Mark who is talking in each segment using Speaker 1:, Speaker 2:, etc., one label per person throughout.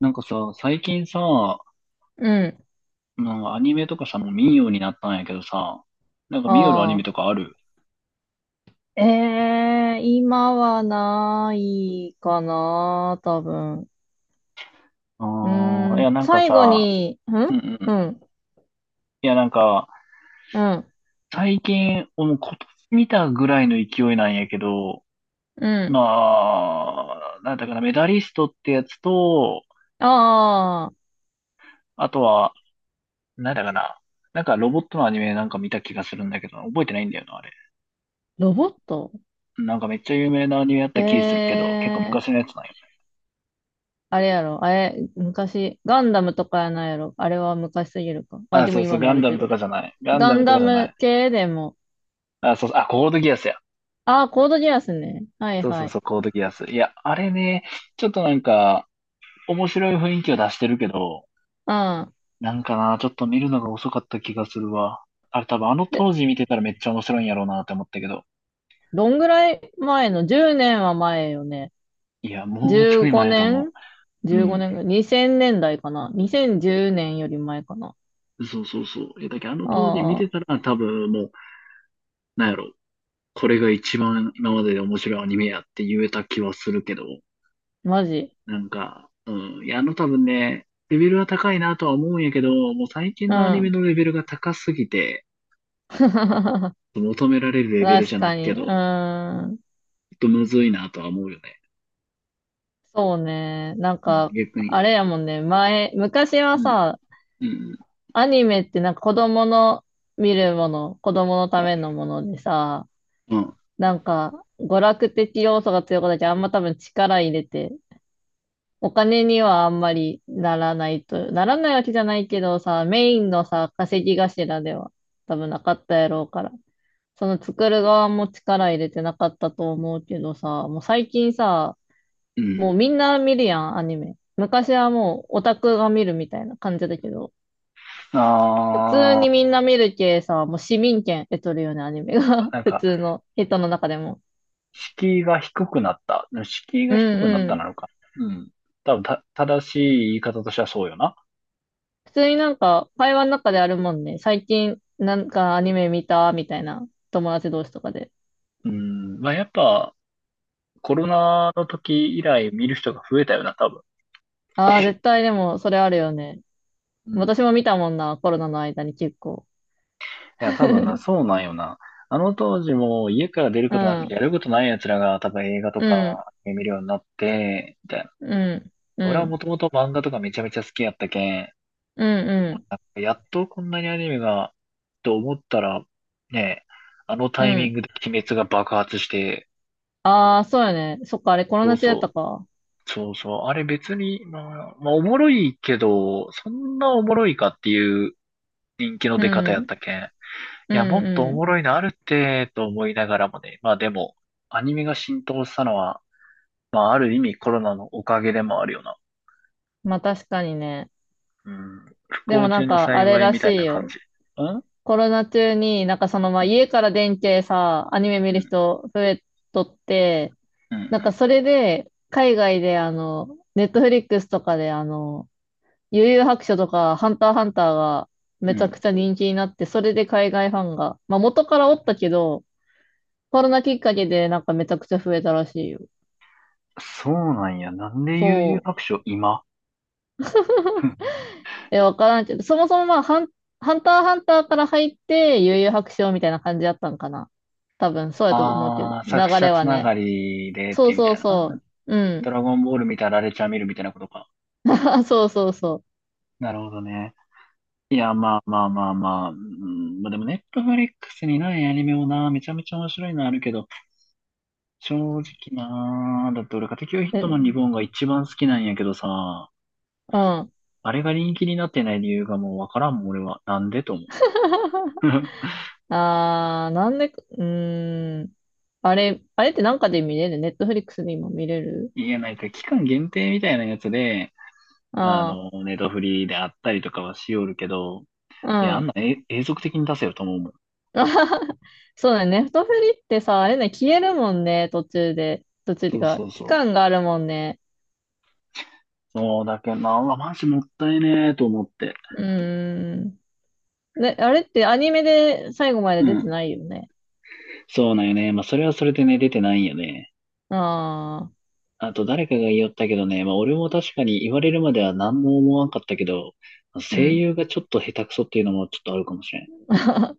Speaker 1: なんかさ、最近さ、
Speaker 2: うん。
Speaker 1: なんかアニメとかさ、もう見んようになったんやけどさ、なんか見よるアニ
Speaker 2: あ
Speaker 1: メと
Speaker 2: あ。
Speaker 1: かある？
Speaker 2: え今はないかな、多分。う
Speaker 1: ああ、いや、
Speaker 2: ん、
Speaker 1: なんか
Speaker 2: 最後
Speaker 1: さ、
Speaker 2: に、
Speaker 1: うんう
Speaker 2: う
Speaker 1: ん。
Speaker 2: ん、
Speaker 1: いや、なんか、
Speaker 2: うん、
Speaker 1: 最近、もう今年見たぐらいの勢いなんやけど、
Speaker 2: うん。
Speaker 1: まあ、なんだかな、メダリストってやつと、
Speaker 2: ああ、
Speaker 1: あとは、なんだかな、なんかロボットのアニメなんか見た気がするんだけど、覚えてないんだよな、あれ。
Speaker 2: ロボット。
Speaker 1: なんかめっちゃ有名なアニメやっ
Speaker 2: え
Speaker 1: た気するけど、結構
Speaker 2: え
Speaker 1: 昔のやつなんよ。
Speaker 2: あれやろ、あれ、昔、ガンダムとかやないやろ。あれは昔すぎるか。あ、
Speaker 1: あ、
Speaker 2: でも
Speaker 1: そうそ
Speaker 2: 今
Speaker 1: う、
Speaker 2: も
Speaker 1: ガ
Speaker 2: あ
Speaker 1: ン
Speaker 2: る
Speaker 1: ダ
Speaker 2: け
Speaker 1: ム
Speaker 2: ど。
Speaker 1: とかじゃない。ガン
Speaker 2: ガ
Speaker 1: ダム
Speaker 2: ン
Speaker 1: と
Speaker 2: ダ
Speaker 1: かじゃない。
Speaker 2: ム系でも、
Speaker 1: あ、そう、あ、コードギアスや。
Speaker 2: ああ、コードギアスね。はい
Speaker 1: そうそ
Speaker 2: は
Speaker 1: う
Speaker 2: い。
Speaker 1: そう、コードギアス。いや、あれね、ちょっとなんか、面白い雰囲気を出してるけど、
Speaker 2: うん。
Speaker 1: なんかな、ちょっと見るのが遅かった気がするわ。あれ多分あの当
Speaker 2: で、
Speaker 1: 時見てたらめっちゃ面白いんやろうなって思ったけど。
Speaker 2: どんぐらい前の？ 10 年は前よね。
Speaker 1: いや、もうちょ
Speaker 2: 15
Speaker 1: い前やと思
Speaker 2: 年
Speaker 1: う。う
Speaker 2: 15
Speaker 1: ん。
Speaker 2: 年ぐらい。2000年代かな。2010年より前かな。
Speaker 1: そうそうそう。いや、だけどあの当時見
Speaker 2: あ
Speaker 1: て
Speaker 2: あ、
Speaker 1: たら多分もう、なんやろ、これが一番今までで面白いアニメやって言えた気はするけど。
Speaker 2: マジ。
Speaker 1: なんか、うん。いや、あの多分ね、レベルは高いなとは思うんやけど、もう最近
Speaker 2: う
Speaker 1: のアニメの
Speaker 2: ん。
Speaker 1: レベルが高すぎて、求められるレベルじ
Speaker 2: 確
Speaker 1: ゃない
Speaker 2: か
Speaker 1: け
Speaker 2: に。
Speaker 1: ど、
Speaker 2: う
Speaker 1: ちょ
Speaker 2: ーん。
Speaker 1: っとむずいなとは思うよね。
Speaker 2: そうね。
Speaker 1: うん、逆に。
Speaker 2: あれやもんね。前、昔は
Speaker 1: うん、
Speaker 2: さ、
Speaker 1: うん、
Speaker 2: アニメってなんか子供の見るもの、子供のためのものでさ、
Speaker 1: うん、
Speaker 2: なんか、娯楽的要素が強くなっちゃあんま多分力入れてお金にはあんまりならないと、ならないわけじゃないけどさ、メインのさ、稼ぎ頭では多分なかったやろうから、その作る側も力入れてなかったと思うけどさ、もう最近さ、
Speaker 1: う
Speaker 2: も
Speaker 1: ん。
Speaker 2: うみんな見るやん、アニメ。昔はもうオタクが見るみたいな感じだけど、普通
Speaker 1: あ
Speaker 2: にみんな見るけさ、もう市民権得とるよね、アニメ
Speaker 1: ー、
Speaker 2: が。
Speaker 1: な ん
Speaker 2: 普
Speaker 1: か、
Speaker 2: 通の人の中でも。
Speaker 1: 敷居が低くなった。敷居
Speaker 2: う
Speaker 1: が
Speaker 2: ん
Speaker 1: 低くなっ
Speaker 2: う
Speaker 1: たな
Speaker 2: ん。
Speaker 1: のか。うん。多分、正しい言い方としてはそうよな。
Speaker 2: 普通になんか会話の中であるもんね。最近なんかアニメ見たみたいな友達同士とかで。
Speaker 1: うん。まあ、やっぱ、コロナの時以来見る人が増えたよな、多分。
Speaker 2: ああ、絶対でもそれあるよね。
Speaker 1: うん。
Speaker 2: 私も見たもんな、コロナの間に結構。
Speaker 1: いや、多分な、そうなんよな。あの当時も家から出る
Speaker 2: う
Speaker 1: ことなくてや
Speaker 2: ん、
Speaker 1: ることない奴らが多分映画と
Speaker 2: うん、
Speaker 1: か見るようになって、みたいな。
Speaker 2: うん、う
Speaker 1: 俺はも
Speaker 2: ん、
Speaker 1: ともと漫画とかめちゃめちゃ好きやったけん、
Speaker 2: うん、うん、
Speaker 1: やっとこんなにアニメが、と思ったら、ね、あの
Speaker 2: う
Speaker 1: タイミン
Speaker 2: ん。
Speaker 1: グで鬼滅が爆発して、
Speaker 2: ああ、そうよね。そっか、あれコロ
Speaker 1: そう
Speaker 2: ナ中だった
Speaker 1: そ
Speaker 2: か。
Speaker 1: う、そうそう、あれ別に、まあ、まあおもろいけど、そんなおもろいかっていう人気の
Speaker 2: う
Speaker 1: 出方やっ
Speaker 2: ん、
Speaker 1: たけん。い
Speaker 2: うん、
Speaker 1: や、もっとお
Speaker 2: う
Speaker 1: も
Speaker 2: ん。
Speaker 1: ろいのあるって、と思いながらもね。まあでも、アニメが浸透したのは、まあある意味コロナのおかげでもあるよな。
Speaker 2: まあ確かにね。
Speaker 1: うん。不
Speaker 2: で
Speaker 1: 幸
Speaker 2: もな
Speaker 1: 中
Speaker 2: ん
Speaker 1: の
Speaker 2: かあれ
Speaker 1: 幸い
Speaker 2: ら
Speaker 1: みたい
Speaker 2: しい
Speaker 1: な感
Speaker 2: よ。
Speaker 1: じ。うん
Speaker 2: コロナ中に、なんかそのま
Speaker 1: う
Speaker 2: あ
Speaker 1: ん
Speaker 2: 家から電気さ、アニメ見
Speaker 1: う
Speaker 2: る
Speaker 1: ん
Speaker 2: 人増えとって、
Speaker 1: う
Speaker 2: なん
Speaker 1: ん
Speaker 2: かそれで、海外でネットフリックスとかで幽遊白書とか、ハンターハンターが
Speaker 1: う
Speaker 2: め
Speaker 1: ん
Speaker 2: ち
Speaker 1: う
Speaker 2: ゃくち
Speaker 1: ん。
Speaker 2: ゃ人気になって、それで海外ファンが、まあ元からおったけど、コロナきっかけでなんかめちゃくちゃ増えたらしいよ。
Speaker 1: そうなんや。なんで悠々
Speaker 2: そう。
Speaker 1: 白書今。
Speaker 2: え、わからんけど、そもそもまあハンターハンターから入って、幽遊白書みたいな感じだったんかな。多分、そうやったと思うけど、
Speaker 1: ああー、作
Speaker 2: 流
Speaker 1: 者
Speaker 2: れ
Speaker 1: つ
Speaker 2: は
Speaker 1: なが
Speaker 2: ね。
Speaker 1: りでっ
Speaker 2: そう
Speaker 1: てみ
Speaker 2: そ
Speaker 1: た
Speaker 2: う
Speaker 1: いな。
Speaker 2: そう。うん。
Speaker 1: ドラゴンボール見たらラレちゃん見るみたいなことか。
Speaker 2: あ、そうそうそ
Speaker 1: なるほどね。いや、まあまあまあまあ。うん、まあでも、ネットフリックスにないアニメもな、めちゃめちゃ面白いのあるけど、正直なー、だって俺家テキオヒッ
Speaker 2: う。え、う
Speaker 1: トマンリボンが一番好きなんやけどさ、
Speaker 2: ん。
Speaker 1: あれが人気になってない理由がもうわからんもん、俺は。なんでと思う。
Speaker 2: ああ、なんで、うーん。あれ、あれってなんかで見れる？ネットフリックスで今見れる？
Speaker 1: いや、なんか期間限定みたいなやつで、あ
Speaker 2: あ
Speaker 1: の、ネットフリであったりとかはしおるけど、い
Speaker 2: あ、
Speaker 1: や、あ
Speaker 2: う
Speaker 1: ん
Speaker 2: ん。
Speaker 1: な永続的に出せよと思うもん。
Speaker 2: そうだね。ネットフリってさ、あれね、消えるもんね、途中で。途中ってい
Speaker 1: そ
Speaker 2: う
Speaker 1: うそ
Speaker 2: か、
Speaker 1: う
Speaker 2: 期
Speaker 1: そう。
Speaker 2: 間があるもんね。
Speaker 1: そうだけどな、うわマジもったいねーと思って。
Speaker 2: うーん。ね、あれってアニメで最後ま
Speaker 1: う
Speaker 2: で出て
Speaker 1: ん。
Speaker 2: ないよね。
Speaker 1: そうなんよね。まあ、それはそれでね、出てないんよね。
Speaker 2: ああ、
Speaker 1: あと誰かが言おったけどね、まあ俺も確かに言われるまでは何も思わんかったけど、
Speaker 2: う
Speaker 1: 声
Speaker 2: ん。
Speaker 1: 優がちょっと下手くそっていうのもちょっとあるかもしれん。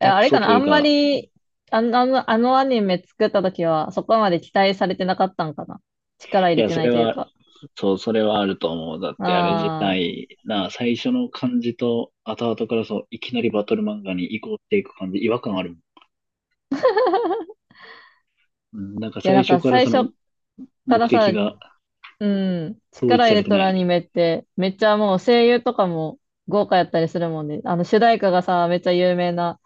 Speaker 1: 下手
Speaker 2: あ
Speaker 1: く
Speaker 2: れ
Speaker 1: そ
Speaker 2: かな、
Speaker 1: とい
Speaker 2: あ
Speaker 1: う
Speaker 2: んま
Speaker 1: か、
Speaker 2: り、あのアニメ作った時は、そこまで期待されてなかったんかな。力入
Speaker 1: い
Speaker 2: れ
Speaker 1: や、
Speaker 2: て
Speaker 1: そ
Speaker 2: ない
Speaker 1: れ
Speaker 2: という
Speaker 1: は、
Speaker 2: か。
Speaker 1: そう、それはあると思う。だってあれ自
Speaker 2: ああ。い
Speaker 1: 体、な、最初の感じと後々からそう、いきなりバトル漫画に移行していく感じ、違和感あるもん。うん、なんか
Speaker 2: や、
Speaker 1: 最
Speaker 2: なん
Speaker 1: 初
Speaker 2: か
Speaker 1: から
Speaker 2: 最
Speaker 1: その
Speaker 2: 初か
Speaker 1: 目
Speaker 2: ら
Speaker 1: 的
Speaker 2: さ、
Speaker 1: が
Speaker 2: うん、
Speaker 1: 統一
Speaker 2: 力入
Speaker 1: され
Speaker 2: れ
Speaker 1: て
Speaker 2: と
Speaker 1: な
Speaker 2: るアニ
Speaker 1: い。
Speaker 2: メって、めっちゃもう声優とかも豪華やったりするもんね。あの、主題歌がさ、めっちゃ有名な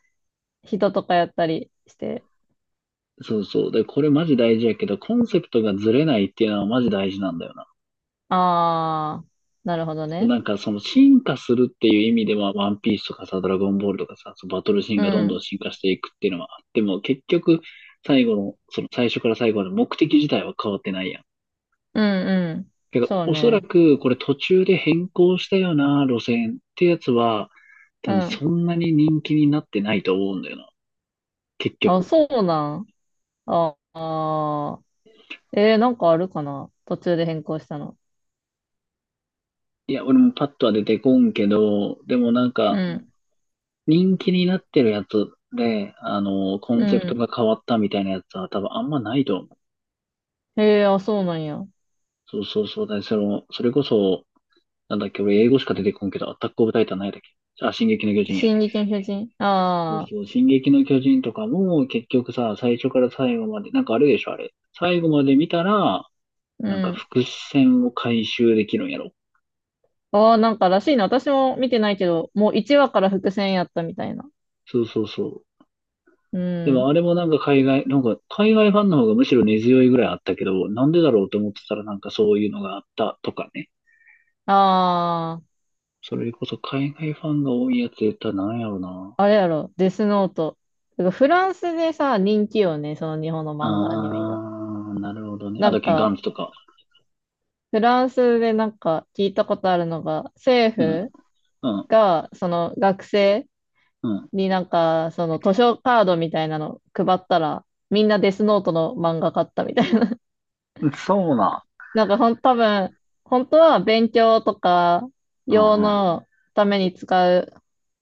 Speaker 2: 人とかやったりして。
Speaker 1: そうそう。で、これマジ大事やけど、コンセプトがずれないっていうのはマジ大事なんだよな。
Speaker 2: ああ、なるほどね。
Speaker 1: なんかその進化するっていう意味では、ワンピースとかさ、ドラゴンボールとかさ、そのバトルシーン
Speaker 2: う
Speaker 1: がどんどん
Speaker 2: ん、
Speaker 1: 進化していくっていうのはあっても、結局、最後の、その最初から最後まで目的自体は変わってないやん。
Speaker 2: うん、うん。
Speaker 1: けど、
Speaker 2: そう
Speaker 1: おそら
Speaker 2: ね。
Speaker 1: くこれ途中で変更したような、路線ってやつは、多
Speaker 2: う
Speaker 1: 分
Speaker 2: ん。
Speaker 1: そんなに人気になってないと思うんだよな、結
Speaker 2: あ、
Speaker 1: 局。
Speaker 2: そうなん。ああ。えー、なんかあるかな途中で変更したの。
Speaker 1: いや、俺もパッとは出てこんけど、でもなん
Speaker 2: う
Speaker 1: か、
Speaker 2: ん。
Speaker 1: 人気になってるやつで、あの、コ
Speaker 2: う
Speaker 1: ンセプト
Speaker 2: ん。
Speaker 1: が変わったみたいなやつは多分あんまないと思う。
Speaker 2: えー、あ、そうなんや。
Speaker 1: そうそうそうだね。その、それこそ、なんだっけ、俺英語しか出てこんけど、アタックオブタイタンないだっけ。じゃあ、進撃の巨人や。
Speaker 2: 進撃の巨人。
Speaker 1: そう
Speaker 2: ああ、
Speaker 1: そう、進撃の巨人とかも、結局さ、最初から最後まで、なんかあるでしょ、あれ。最後まで見たら、
Speaker 2: う
Speaker 1: なんか
Speaker 2: ん。
Speaker 1: 伏線を回収できるんやろ。
Speaker 2: ああ、なんからしいな。私も見てないけど、もう1話から伏線やったみたいな。
Speaker 1: そうそうそう。
Speaker 2: う
Speaker 1: でもあ
Speaker 2: ん。
Speaker 1: れもなんか海外、なんか海外ファンの方がむしろ根強いぐらいあったけど、なんでだろうと思ってたらなんかそういうのがあったとかね。
Speaker 2: あ
Speaker 1: それこそ海外ファンが多いやつ言ったらなんやろな。
Speaker 2: あ、あれやろ。デスノート。てかフランスでさ、人気よね。その日本の漫画、アニメが。
Speaker 1: あー、なるほどね。あ、
Speaker 2: な
Speaker 1: だっ
Speaker 2: ん
Speaker 1: け、ガ
Speaker 2: か、
Speaker 1: ンツとか。
Speaker 2: フランスでなんか聞いたことあるのが、政
Speaker 1: うん、
Speaker 2: 府
Speaker 1: うん、
Speaker 2: が、その学生、になんか、その図書カードみたいなの配ったら、みんなデスノートの漫画買ったみたいな。
Speaker 1: うん。そうな。
Speaker 2: なんかほん、多分、本当は勉強とか
Speaker 1: うん、
Speaker 2: 用
Speaker 1: うん、
Speaker 2: のために使う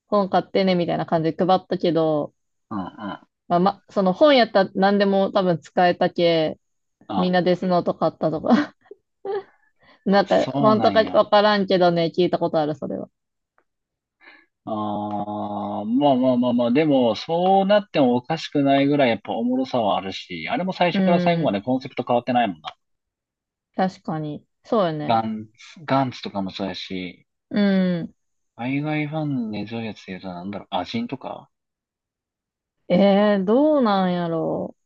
Speaker 2: 本買ってねみたいな感じで配ったけど、
Speaker 1: うん、うん。
Speaker 2: まあ、ま、その本やったら何でも多分使えたけ、みんな
Speaker 1: あ、
Speaker 2: デスノート買ったとか。
Speaker 1: あ
Speaker 2: なんか、
Speaker 1: そう
Speaker 2: 本
Speaker 1: な
Speaker 2: 当
Speaker 1: ん
Speaker 2: か
Speaker 1: や。
Speaker 2: わからんけどね、聞いたことある、それは。
Speaker 1: あー、まあまあまあまあ、でも、そうなってもおかしくないぐらいやっぱおもろさはあるし、あれも最
Speaker 2: う
Speaker 1: 初から最後ま
Speaker 2: ん、
Speaker 1: でコンセプト変わってないもんな。
Speaker 2: 確かに。そうよ
Speaker 1: ガ
Speaker 2: ね。
Speaker 1: ンツ、ガンツとかもそうやし、
Speaker 2: うん。
Speaker 1: 海外ファンに根強いやつで言うとなんだろう、アジンとか。
Speaker 2: えー、どうなんやろう。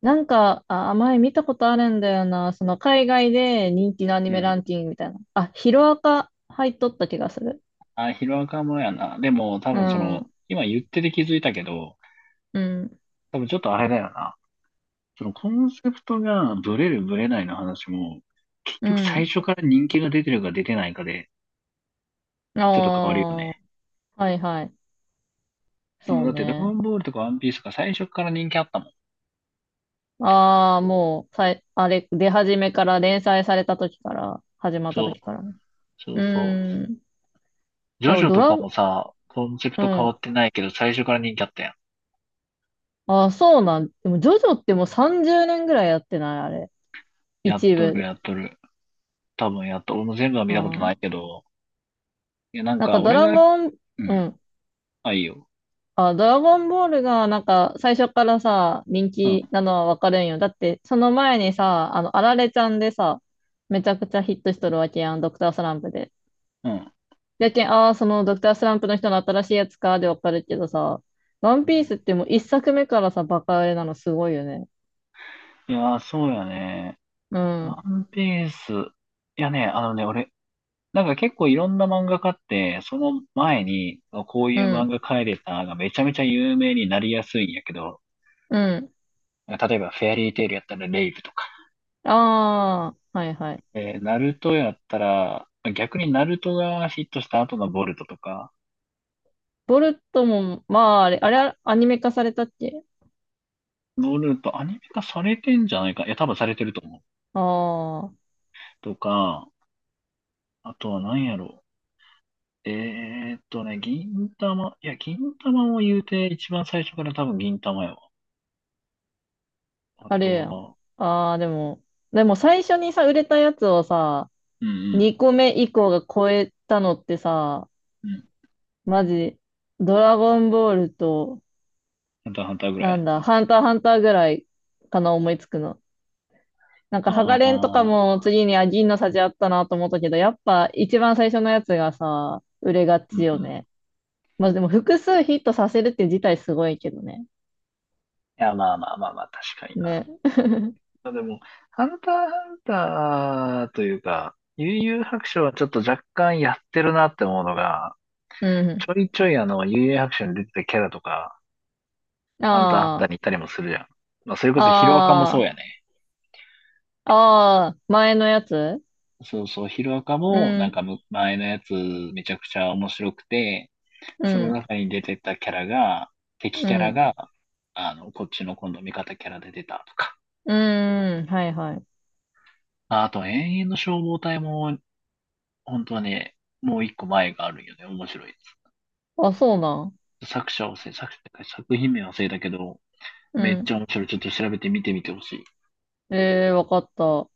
Speaker 2: なんか、あ、前見たことあるんだよな。その海外で人気のアニ
Speaker 1: う
Speaker 2: メラ
Speaker 1: ん。
Speaker 2: ンキングみたいな。あ、ヒロアカ入っとった気がする。
Speaker 1: あ、ヒロアカもやな。でも、多
Speaker 2: う
Speaker 1: 分その、
Speaker 2: ん
Speaker 1: 今言ってて気づいたけど、
Speaker 2: うん、
Speaker 1: 多分ちょっとあれだよな。そのコンセプトがブレるブレないの話も、結
Speaker 2: う
Speaker 1: 局最
Speaker 2: ん。
Speaker 1: 初から人気が出てるか出てないかで、
Speaker 2: あ
Speaker 1: ちょっと変わるよ
Speaker 2: あ、
Speaker 1: ね。
Speaker 2: はいはい。
Speaker 1: その、
Speaker 2: そう
Speaker 1: だってドラゴ
Speaker 2: ね。
Speaker 1: ンボールとかワンピースとか最初から人気あったもん。
Speaker 2: ああ、もう、さい、あれ、出始めから、連載された時から、始まった
Speaker 1: そう、
Speaker 2: 時からね。
Speaker 1: そ
Speaker 2: う
Speaker 1: うそう。
Speaker 2: ーん。
Speaker 1: ジ
Speaker 2: で
Speaker 1: ョ
Speaker 2: も
Speaker 1: ジョ
Speaker 2: ド
Speaker 1: と
Speaker 2: ラ、
Speaker 1: かも
Speaker 2: う
Speaker 1: さ、コンセプト変わ
Speaker 2: ん。
Speaker 1: ってないけど、最初から人気あったやん。
Speaker 2: ああ、そうなん。でも、ジョジョってもう30年ぐらいやってない、あれ。
Speaker 1: やっ
Speaker 2: 一
Speaker 1: と
Speaker 2: 部
Speaker 1: る、
Speaker 2: で。
Speaker 1: やっとる。多分やっと、俺も全部は見たこと
Speaker 2: あ
Speaker 1: ない
Speaker 2: あ。
Speaker 1: けど、いや、なん
Speaker 2: なん
Speaker 1: か
Speaker 2: か、ド
Speaker 1: 俺
Speaker 2: ラ
Speaker 1: が、
Speaker 2: ゴン、
Speaker 1: う
Speaker 2: う
Speaker 1: ん、
Speaker 2: ん。
Speaker 1: あ、いいよ。
Speaker 2: あ、ドラゴンボールがなんか最初からさ、人
Speaker 1: うん、
Speaker 2: 気なのはわかるんよ。だってその前にさ、あの、あられちゃんでさ、めちゃくちゃヒットしとるわけやん、ドクタースランプで。
Speaker 1: うん。
Speaker 2: やけん、ああ、そのドクタースランプの人の新しいやつかでわかるけどさ、ワンピースってもう一作目からさ、バカ売れなのすごいよね。
Speaker 1: いやー、そうやね。
Speaker 2: う
Speaker 1: ワ
Speaker 2: ん、
Speaker 1: ンピース。いやね、あのね、俺、なんか結構いろんな漫画家って、その前に、こう
Speaker 2: う
Speaker 1: いう漫
Speaker 2: ん、
Speaker 1: 画描いてたがめちゃめちゃ有名になりやすいんやけど、
Speaker 2: うん。
Speaker 1: 例えばフェアリーテイルやったらレイブとか、
Speaker 2: ああ、はいはい。
Speaker 1: ナルトやったら、逆にナルトがヒットした後のボルトとか、
Speaker 2: ボルトも、まあ、あれ、あれ、アニメ化されたっけ？
Speaker 1: ボルトアニメ化されてんじゃないか。いや、多分されてると思う。
Speaker 2: ああー。
Speaker 1: とか、あとは何やろう。銀玉、いや、銀玉も言うて一番最初から多分銀玉やわ。あ
Speaker 2: あ
Speaker 1: と
Speaker 2: れやん。
Speaker 1: は、
Speaker 2: ああ、でも、でも最初にさ、売れたやつをさ、
Speaker 1: うんうん、
Speaker 2: 2個目以降が超えたのってさ、
Speaker 1: うん。
Speaker 2: マジ、ドラゴンボールと、
Speaker 1: ハンターハンターぐら
Speaker 2: な
Speaker 1: い。
Speaker 2: んだ、ハンターハンターぐらいかな、思いつくの。なんか、ハガ
Speaker 1: ああ
Speaker 2: レンとか
Speaker 1: ー、
Speaker 2: も次に、あ、銀の差じあったなと思ったけど、やっぱ一番最初のやつがさ、売れが
Speaker 1: うん
Speaker 2: ち
Speaker 1: う
Speaker 2: よ
Speaker 1: ん。
Speaker 2: ね。
Speaker 1: い
Speaker 2: まあでも、複数ヒットさせるって自体すごいけどね。
Speaker 1: や、まあまあまあまあ、確かにな。
Speaker 2: ね。
Speaker 1: まあでも、ハンターハンターというか、悠々白書はちょっと若干やってるなって思うのが、
Speaker 2: う
Speaker 1: ち
Speaker 2: ん。
Speaker 1: ょいちょいあの、悠々白書に出てたキャラとか、ハンターハンタ
Speaker 2: あ
Speaker 1: ーに行ったりもするじゃん。まあ、それこそヒロアカもそう
Speaker 2: あ、あ
Speaker 1: やね。
Speaker 2: あ、ああ、前のやつ。
Speaker 1: そうそう、ヒロアカ
Speaker 2: う
Speaker 1: も、なん
Speaker 2: ん。
Speaker 1: か前のやつめちゃくちゃ面白くて、
Speaker 2: う
Speaker 1: その
Speaker 2: ん、
Speaker 1: 中に出てたキャラが、敵
Speaker 2: う
Speaker 1: キャラ
Speaker 2: ん、
Speaker 1: が、あの、こっちの今度味方キャラで出たとか。
Speaker 2: うーん、はいはい。
Speaker 1: まああと、永遠の消防隊も本当はね、もう一個前があるんよね。面白いや
Speaker 2: あ、そうなん。
Speaker 1: つ。作者を忘れ、作者作品名忘れたけど、
Speaker 2: う
Speaker 1: めっち
Speaker 2: ん。
Speaker 1: ゃ面白い。ちょっと調べて見てみてほしい。
Speaker 2: ええー、わかった。